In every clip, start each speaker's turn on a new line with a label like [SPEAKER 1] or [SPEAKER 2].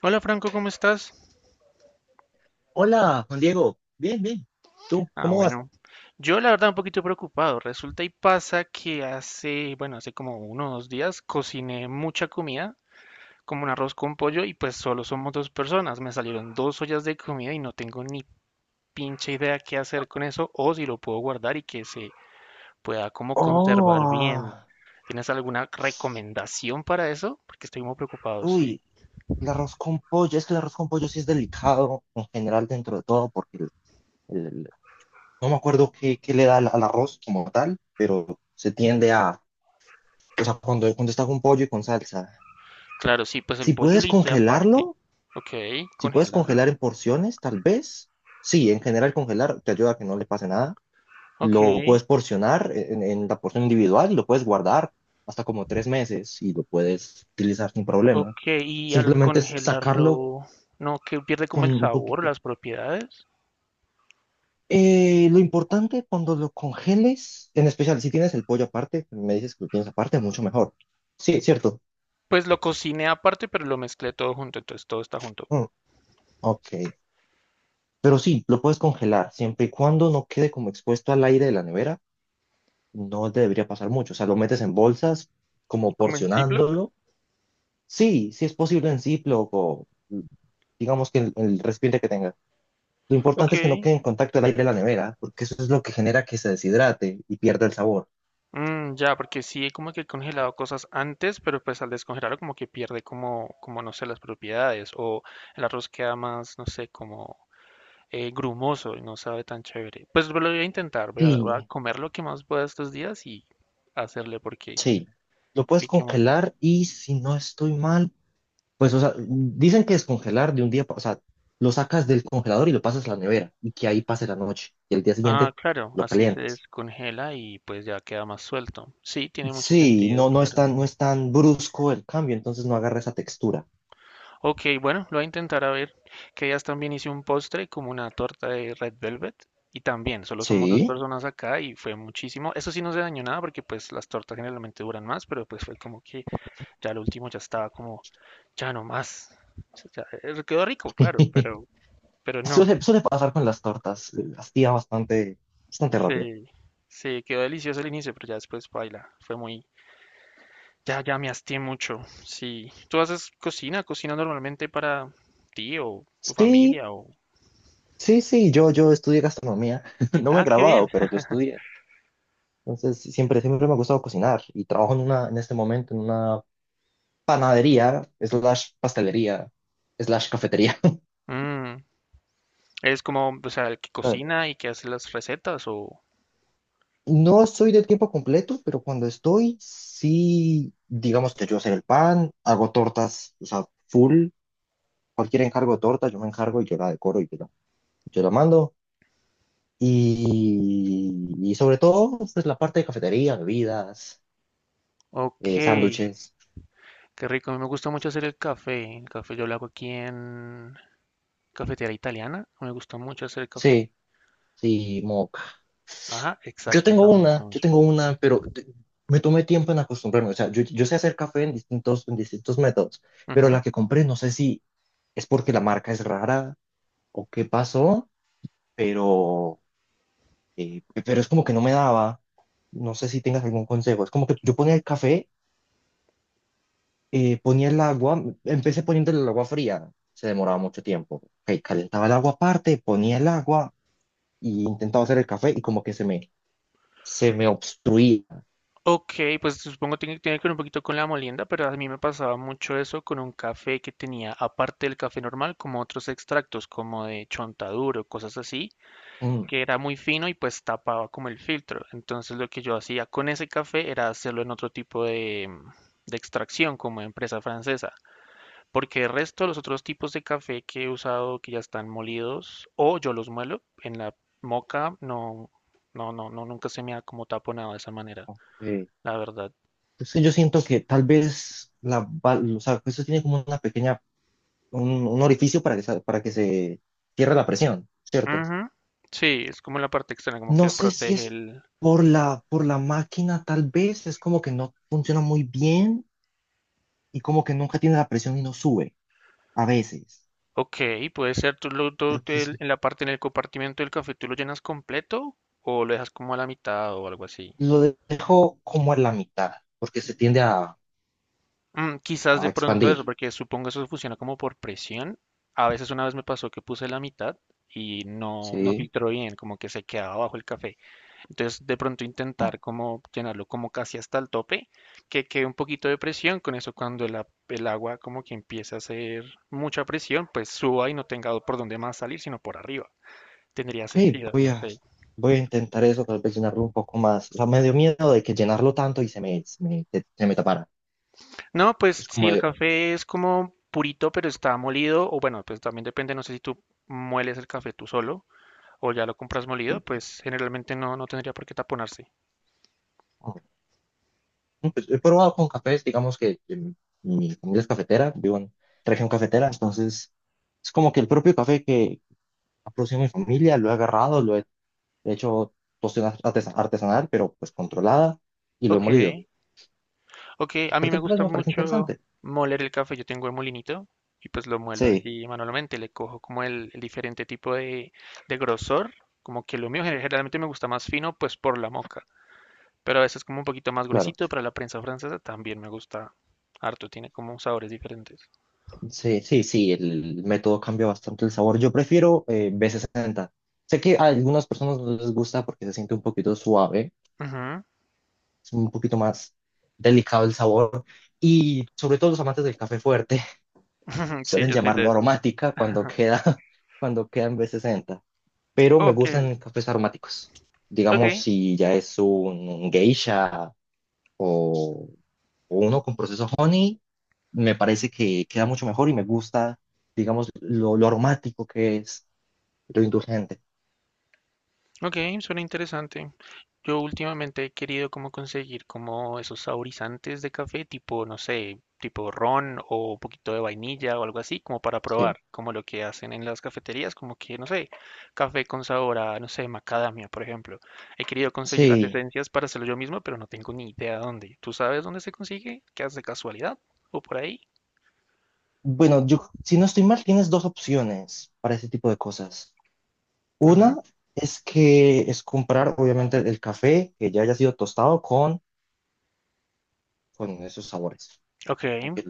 [SPEAKER 1] Hola Franco, ¿cómo estás?
[SPEAKER 2] Hola, Juan Diego. Bien, bien. ¿Tú
[SPEAKER 1] Ah,
[SPEAKER 2] cómo vas?
[SPEAKER 1] bueno. Yo la verdad un poquito preocupado. Resulta y pasa que hace, bueno, hace como uno o dos días cociné mucha comida, como un arroz con pollo, y pues solo somos dos personas. Me salieron dos ollas de comida y no tengo ni pinche idea qué hacer con eso o si lo puedo guardar y que se pueda como conservar bien.
[SPEAKER 2] Oh,
[SPEAKER 1] ¿Tienes alguna recomendación para eso? Porque estoy muy preocupado, sí.
[SPEAKER 2] uy, el arroz con pollo. Es que el arroz con pollo sí es delicado en general dentro de todo porque el- el- no me acuerdo qué, qué le da al, al arroz como tal, pero se tiende a, o sea, cuando está con pollo y con salsa.
[SPEAKER 1] Claro, sí, pues el
[SPEAKER 2] Si
[SPEAKER 1] pollo lo
[SPEAKER 2] puedes
[SPEAKER 1] hice aparte.
[SPEAKER 2] congelarlo,
[SPEAKER 1] Ok,
[SPEAKER 2] si puedes
[SPEAKER 1] congelarlo.
[SPEAKER 2] congelar en porciones, tal vez. Sí, en general congelar te ayuda a que no le pase nada.
[SPEAKER 1] Ok.
[SPEAKER 2] Lo puedes porcionar en la porción individual y lo puedes guardar hasta como tres meses y lo puedes utilizar sin problema.
[SPEAKER 1] Ok, y al
[SPEAKER 2] Simplemente es sacarlo
[SPEAKER 1] congelarlo, no, que pierde como
[SPEAKER 2] con
[SPEAKER 1] el
[SPEAKER 2] un
[SPEAKER 1] sabor,
[SPEAKER 2] poquito.
[SPEAKER 1] las propiedades.
[SPEAKER 2] Lo importante cuando lo congeles, en especial si tienes el pollo aparte, me dices que lo tienes aparte, mucho mejor. Sí, es cierto.
[SPEAKER 1] Pues lo cociné aparte, pero lo mezclé todo junto, entonces todo está junto.
[SPEAKER 2] Mm, ok. Pero sí, lo puedes congelar siempre y cuando no quede como expuesto al aire de la nevera. No te debería pasar mucho. O sea, lo metes en bolsas, como
[SPEAKER 1] ¿Como en Ziploc?
[SPEAKER 2] porcionándolo. Sí, sí es posible en Ziploc o digamos que el recipiente que tenga. Lo
[SPEAKER 1] Ok.
[SPEAKER 2] importante es que no quede en contacto el aire de la nevera, porque eso es lo que genera que se deshidrate y pierda el sabor.
[SPEAKER 1] Mm, ya, porque sí, como que he congelado cosas antes, pero pues al descongelarlo como que pierde como, como no sé, las propiedades. O el arroz queda más, no sé, como grumoso y no sabe tan chévere. Pues lo voy a intentar, voy a, voy a
[SPEAKER 2] Sí,
[SPEAKER 1] comer lo que más pueda estos días y hacerle porque,
[SPEAKER 2] sí. Lo puedes
[SPEAKER 1] porque ¿qué más?
[SPEAKER 2] congelar y si no estoy mal, pues, o sea, dicen que descongelar de un día, o sea, lo sacas del congelador y lo pasas a la nevera y que ahí pase la noche y el día
[SPEAKER 1] Ah,
[SPEAKER 2] siguiente
[SPEAKER 1] claro,
[SPEAKER 2] lo
[SPEAKER 1] así se
[SPEAKER 2] calientas.
[SPEAKER 1] descongela y pues ya queda más suelto. Sí, tiene mucho
[SPEAKER 2] Sí,
[SPEAKER 1] sentido,
[SPEAKER 2] no,
[SPEAKER 1] claro.
[SPEAKER 2] no es tan brusco el cambio, entonces no agarra esa textura.
[SPEAKER 1] Ok, bueno, lo voy a intentar a ver. Que ya también hice un postre como una torta de Red Velvet. Y también, solo somos dos
[SPEAKER 2] Sí.
[SPEAKER 1] personas acá y fue muchísimo. Eso sí no se dañó nada porque pues las tortas generalmente duran más, pero pues fue como que ya lo último ya estaba como, ya no más. O sea, ya, quedó rico, claro, pero no.
[SPEAKER 2] Suele, suele pasar con las tortas, hacía bastante, bastante rápido.
[SPEAKER 1] Sí, sí quedó delicioso al inicio, pero ya después baila. Fue muy, ya, ya me hasté mucho. Sí. ¿Tú haces cocina? ¿Cocina normalmente para ti o tu
[SPEAKER 2] Sí,
[SPEAKER 1] familia? O...
[SPEAKER 2] sí, sí, yo estudié gastronomía, no me he
[SPEAKER 1] Ah, qué bien.
[SPEAKER 2] graduado, pero yo estudié. Entonces, siempre, siempre me ha gustado cocinar y trabajo en una, en este momento en una panadería, slash pastelería, slash cafetería.
[SPEAKER 1] Mm, ¿eres como, o sea, el que
[SPEAKER 2] ¿Sabes?
[SPEAKER 1] cocina y que hace las recetas o...?
[SPEAKER 2] No soy de tiempo completo, pero cuando estoy, sí, digamos que yo hacer el pan, hago tortas, o sea, full, cualquier encargo de torta, yo me encargo y yo la decoro y yo la mando. Y sobre todo, pues la parte de cafetería, bebidas,
[SPEAKER 1] Ok, qué
[SPEAKER 2] sándwiches.
[SPEAKER 1] rico. A mí me gusta mucho hacer el café. El café yo lo hago aquí en cafetería italiana. Me gusta mucho hacer el café.
[SPEAKER 2] Sí, sí, moca.
[SPEAKER 1] Ajá, exacto, eso me gusta
[SPEAKER 2] Yo
[SPEAKER 1] mucho.
[SPEAKER 2] tengo una, pero me tomé tiempo en acostumbrarme. O sea, yo sé hacer café en distintos métodos, pero la que compré no sé si es porque la marca es rara o qué pasó, pero, pero es como que no me daba. No sé si tengas algún consejo. Es como que yo ponía el café, ponía el agua, empecé poniéndole el agua fría, se demoraba mucho tiempo. Ok, calentaba el agua aparte, ponía el agua y intentaba hacer el café y como que se me obstruía.
[SPEAKER 1] Ok, pues supongo que tiene, tiene que ver un poquito con la molienda, pero a mí me pasaba mucho eso con un café que tenía, aparte del café normal, como otros extractos, como de chontaduro, cosas así,
[SPEAKER 2] Mm,
[SPEAKER 1] que era muy fino y pues tapaba como el filtro. Entonces lo que yo hacía con ese café era hacerlo en otro tipo de, mm, de extracción, como empresa francesa, porque el resto de los otros tipos de café que he usado, que ya están molidos, o yo los muelo en la moca, no, no, no, no, nunca se me ha como taponado de esa manera,
[SPEAKER 2] ok.
[SPEAKER 1] la verdad.
[SPEAKER 2] Entonces yo siento que tal vez la, o sea, eso tiene como una pequeña, un orificio para que, para que se cierre la presión, ¿cierto?
[SPEAKER 1] Ujú. Sí, es como la parte externa, como
[SPEAKER 2] No
[SPEAKER 1] que
[SPEAKER 2] sé si
[SPEAKER 1] protege
[SPEAKER 2] es
[SPEAKER 1] el...
[SPEAKER 2] por la máquina, tal vez es como que no funciona muy bien y como que nunca tiene la presión y no sube a veces.
[SPEAKER 1] Ok, puede ser, tú, lo, tú
[SPEAKER 2] Porque es
[SPEAKER 1] te- en la parte, en el compartimiento del café, ¿tú lo llenas completo o lo dejas como a la mitad o algo así?
[SPEAKER 2] Lo dejo como en la mitad, porque se tiende
[SPEAKER 1] Mm, quizás
[SPEAKER 2] a
[SPEAKER 1] de pronto
[SPEAKER 2] expandir,
[SPEAKER 1] eso, porque supongo eso funciona como por presión. A veces una vez me pasó que puse la mitad y no, no
[SPEAKER 2] ¿sí?
[SPEAKER 1] filtró bien, como que se quedaba bajo el café. Entonces de pronto
[SPEAKER 2] Como,
[SPEAKER 1] intentar como llenarlo como casi hasta el tope, que quede un poquito de presión, con eso cuando el agua como que empiece a hacer mucha presión, pues suba y no tenga por dónde más salir, sino por arriba. Tendría
[SPEAKER 2] ok,
[SPEAKER 1] sentido,
[SPEAKER 2] voy
[SPEAKER 1] no
[SPEAKER 2] a,
[SPEAKER 1] sé.
[SPEAKER 2] voy a intentar eso, tal vez llenarlo un poco más. O sea, me dio miedo de que llenarlo tanto y se me tapara.
[SPEAKER 1] No, pues
[SPEAKER 2] Es
[SPEAKER 1] sí,
[SPEAKER 2] como
[SPEAKER 1] el
[SPEAKER 2] de,
[SPEAKER 1] café es como purito, pero está molido, o bueno, pues también depende, no sé si tú mueles el café tú solo o ya lo compras molido,
[SPEAKER 2] mm,
[SPEAKER 1] pues generalmente no, no tendría por qué taponarse.
[SPEAKER 2] pues, he probado con cafés, digamos que mi familia es cafetera, vivo en región cafetera, entonces es como que el propio café que ha producido mi familia lo he agarrado, lo he hecho tostión artesanal, pero pues controlada, y lo he
[SPEAKER 1] Ok,
[SPEAKER 2] molido.
[SPEAKER 1] ok, a mí
[SPEAKER 2] Porque
[SPEAKER 1] me
[SPEAKER 2] pues
[SPEAKER 1] gusta
[SPEAKER 2] me parece
[SPEAKER 1] mucho
[SPEAKER 2] interesante.
[SPEAKER 1] moler el café, yo tengo el molinito y pues lo muelo
[SPEAKER 2] Sí,
[SPEAKER 1] así manualmente, le cojo como el diferente tipo de grosor, como que lo mío generalmente me gusta más fino, pues por la moca, pero a veces como un poquito más
[SPEAKER 2] claro.
[SPEAKER 1] gruesito para la prensa francesa también me gusta harto, tiene como sabores diferentes.
[SPEAKER 2] Sí, sí, sí, el método cambia bastante el sabor. Yo prefiero B60. Sé que a algunas personas no les gusta porque se siente un poquito suave,
[SPEAKER 1] Ujú,
[SPEAKER 2] es un poquito más delicado el sabor. Y sobre todo los amantes del café fuerte
[SPEAKER 1] ujú, sí,
[SPEAKER 2] suelen
[SPEAKER 1] yo soy de
[SPEAKER 2] llamarlo
[SPEAKER 1] esos.
[SPEAKER 2] aromática cuando queda, cuando queda en B60. Pero me
[SPEAKER 1] Ok,
[SPEAKER 2] gustan cafés aromáticos.
[SPEAKER 1] ok,
[SPEAKER 2] Digamos, si ya es un geisha o, o uno con proceso honey, me parece que queda mucho mejor y me gusta, digamos, lo aromático que es, lo indulgente.
[SPEAKER 1] ok, suena interesante. Yo últimamente he querido como conseguir como esos saborizantes de café, tipo, no sé, tipo ron o un poquito de vainilla o algo así, como para
[SPEAKER 2] Sí.
[SPEAKER 1] probar, como lo que hacen en las cafeterías, como que, no sé, café con sabor a, no sé, macadamia, por ejemplo. He querido conseguir las
[SPEAKER 2] Sí.
[SPEAKER 1] esencias para hacerlo yo mismo, pero no tengo ni idea dónde. ¿Tú sabes dónde se consigue? ¿Qué haces de casualidad? ¿O por ahí?
[SPEAKER 2] Bueno, yo, si no estoy mal, tienes dos opciones para ese tipo de cosas. Una
[SPEAKER 1] Ujú,
[SPEAKER 2] es que es comprar, obviamente, el café que ya haya sido tostado con esos sabores,
[SPEAKER 1] ok,
[SPEAKER 2] como que,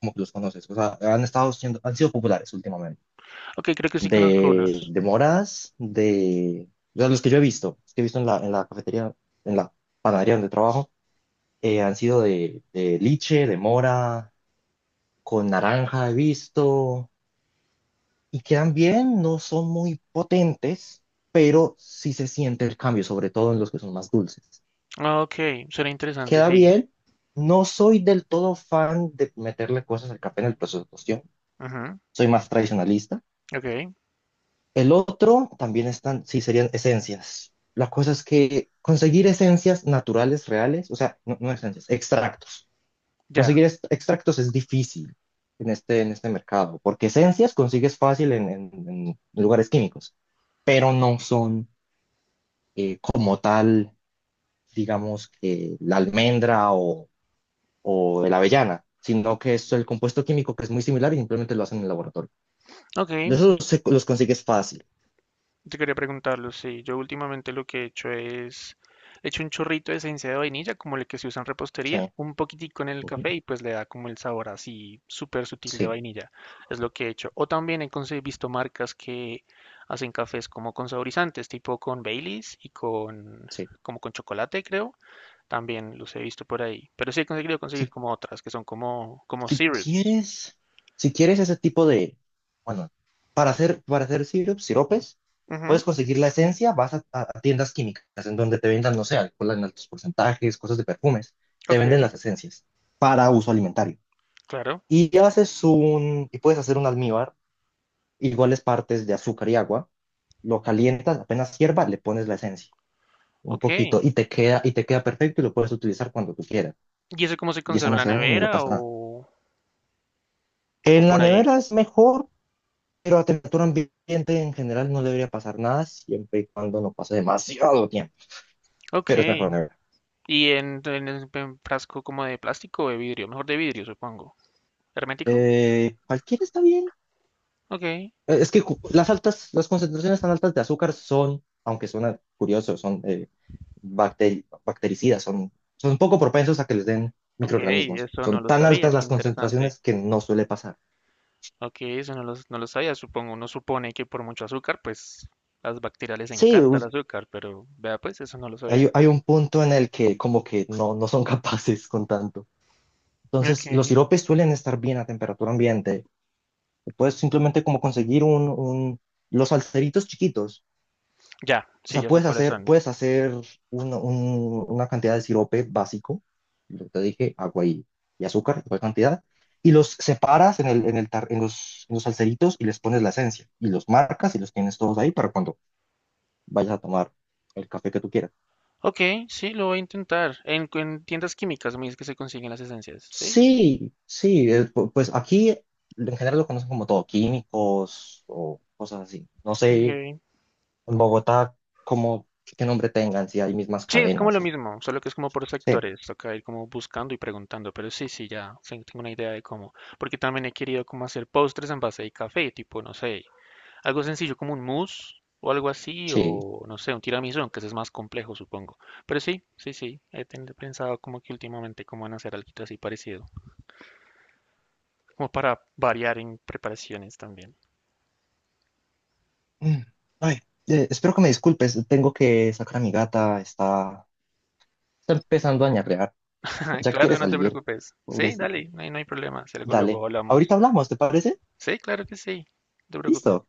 [SPEAKER 2] como que los conoces. O sea, han estado siendo, han sido populares últimamente.
[SPEAKER 1] ok, creo que sí conozco unos.
[SPEAKER 2] De moras, de, o sea, los que yo he visto, los que he visto en la cafetería, en la panadería donde trabajo, han sido de liche, de mora, con naranja he visto, y quedan bien, no son muy potentes, pero sí se siente el cambio, sobre todo en los que son más dulces.
[SPEAKER 1] Ah, ok, suena interesante,
[SPEAKER 2] Queda
[SPEAKER 1] sí.
[SPEAKER 2] bien, no soy del todo fan de meterle cosas al café en el proceso de cocción,
[SPEAKER 1] Ujú,
[SPEAKER 2] soy más tradicionalista.
[SPEAKER 1] ok,
[SPEAKER 2] El otro también están, sí, serían esencias. La cosa es que conseguir esencias naturales, reales, o sea, no, no esencias, extractos.
[SPEAKER 1] ya.
[SPEAKER 2] Conseguir extractos es difícil en este mercado, porque esencias consigues fácil en, en lugares químicos, pero no son como tal, digamos, que la almendra o la avellana, sino que es el compuesto químico que es muy similar y simplemente lo hacen en el laboratorio.
[SPEAKER 1] Ok,
[SPEAKER 2] De esos los consigues fácil.
[SPEAKER 1] te quería preguntarlo, sí. Yo últimamente lo que he hecho es, he hecho un chorrito de esencia de vainilla, como el que se usa en repostería,
[SPEAKER 2] Sí,
[SPEAKER 1] un poquitico en el
[SPEAKER 2] ujú.
[SPEAKER 1] café y pues le da como el sabor así súper sutil de
[SPEAKER 2] Sí,
[SPEAKER 1] vainilla. Es lo que he hecho. O también visto marcas que hacen cafés como con saborizantes, tipo con Baileys y con, como con chocolate, creo. También los he visto por ahí. Pero sí he conseguido conseguir
[SPEAKER 2] sí.
[SPEAKER 1] como otras, que son como, como
[SPEAKER 2] Si
[SPEAKER 1] syrups.
[SPEAKER 2] quieres, si quieres ese tipo de, bueno, para hacer sirup, siropes,
[SPEAKER 1] Ujú,
[SPEAKER 2] puedes conseguir la esencia, vas a, a tiendas químicas en donde te vendan, no sé, alcohol en altos porcentajes, cosas de perfumes, te
[SPEAKER 1] ok,
[SPEAKER 2] venden las esencias para uso alimentario.
[SPEAKER 1] claro,
[SPEAKER 2] Y puedes hacer un almíbar, iguales partes de azúcar y agua, lo calientas, apenas hierva, le pones la esencia, un
[SPEAKER 1] ok.
[SPEAKER 2] poquito, y te queda perfecto y lo puedes utilizar cuando tú quieras.
[SPEAKER 1] ¿Y eso cómo se
[SPEAKER 2] Y eso
[SPEAKER 1] conserva en
[SPEAKER 2] no
[SPEAKER 1] la
[SPEAKER 2] se daña ni le
[SPEAKER 1] nevera
[SPEAKER 2] pasa nada.
[SPEAKER 1] o...? O
[SPEAKER 2] En la
[SPEAKER 1] por ahí.
[SPEAKER 2] nevera es mejor. Pero a temperatura ambiente en general no debería pasar nada siempre y cuando no pase demasiado tiempo.
[SPEAKER 1] Ok.
[SPEAKER 2] Pero es mejor nevar.
[SPEAKER 1] ¿Y en, en frasco como de plástico o de vidrio? Mejor de vidrio, supongo. ¿Hermético?
[SPEAKER 2] Cualquiera está bien.
[SPEAKER 1] Ok.
[SPEAKER 2] Es que las altas, las concentraciones tan altas de azúcar son, aunque suena curioso, son bactericidas, son, son poco propensos a que les den
[SPEAKER 1] Ok,
[SPEAKER 2] microorganismos.
[SPEAKER 1] eso no
[SPEAKER 2] Son
[SPEAKER 1] lo
[SPEAKER 2] tan
[SPEAKER 1] sabía,
[SPEAKER 2] altas
[SPEAKER 1] qué
[SPEAKER 2] las
[SPEAKER 1] interesante.
[SPEAKER 2] concentraciones que no suele pasar.
[SPEAKER 1] Ok, eso no lo, no lo sabía, supongo. Uno supone que por mucho azúcar, pues las bacterias les
[SPEAKER 2] Sí,
[SPEAKER 1] encanta el azúcar, pero vea, pues eso no lo sabía.
[SPEAKER 2] hay, hay un punto en el que como que no, no son capaces con tanto.
[SPEAKER 1] Ok,
[SPEAKER 2] Entonces, los siropes suelen estar bien a temperatura ambiente. Puedes simplemente como conseguir un, los salseritos chiquitos.
[SPEAKER 1] ya,
[SPEAKER 2] O
[SPEAKER 1] sí,
[SPEAKER 2] sea,
[SPEAKER 1] ya sé cuáles son.
[SPEAKER 2] puedes hacer una, una cantidad de sirope básico, lo que te dije, agua y azúcar, igual cantidad, y los separas en el, en el en los salseritos y les pones la esencia, y los marcas y los tienes todos ahí para cuando vayas a tomar el café que tú quieras.
[SPEAKER 1] Ok, sí, lo voy a intentar. En tiendas químicas, me dice que se consiguen las esencias, ¿sí?
[SPEAKER 2] Sí, sí, pues aquí en general lo conocen como todo, químicos o cosas así. No sé
[SPEAKER 1] Ok.
[SPEAKER 2] en Bogotá, como qué nombre tengan, si hay mismas
[SPEAKER 1] Sí, es como
[SPEAKER 2] cadenas.
[SPEAKER 1] lo
[SPEAKER 2] ¿No?
[SPEAKER 1] mismo, solo que es como por
[SPEAKER 2] Sí,
[SPEAKER 1] sectores, toca ir como buscando y preguntando, pero sí, sí, ya sí, tengo una idea de cómo, porque también he querido como hacer postres en base de café, tipo, no sé, algo sencillo como un mousse o algo así,
[SPEAKER 2] sí.
[SPEAKER 1] o no sé, un tiramisú, aunque ese es más complejo, supongo. Pero sí, sí, sí, pensado como que últimamente cómo van a hacer algo así parecido, como para variar en preparaciones también.
[SPEAKER 2] Mm, ay, espero que me disculpes, tengo que sacar a mi gata, está, está empezando a ñarrear, ya quiere
[SPEAKER 1] Claro, no te
[SPEAKER 2] salir,
[SPEAKER 1] preocupes. Sí,
[SPEAKER 2] pobrecita.
[SPEAKER 1] dale, no hay, no hay problema, si algo luego
[SPEAKER 2] Dale, ahorita
[SPEAKER 1] hablamos.
[SPEAKER 2] hablamos, ¿te parece?
[SPEAKER 1] Sí, claro que sí, no te preocupes.
[SPEAKER 2] Listo.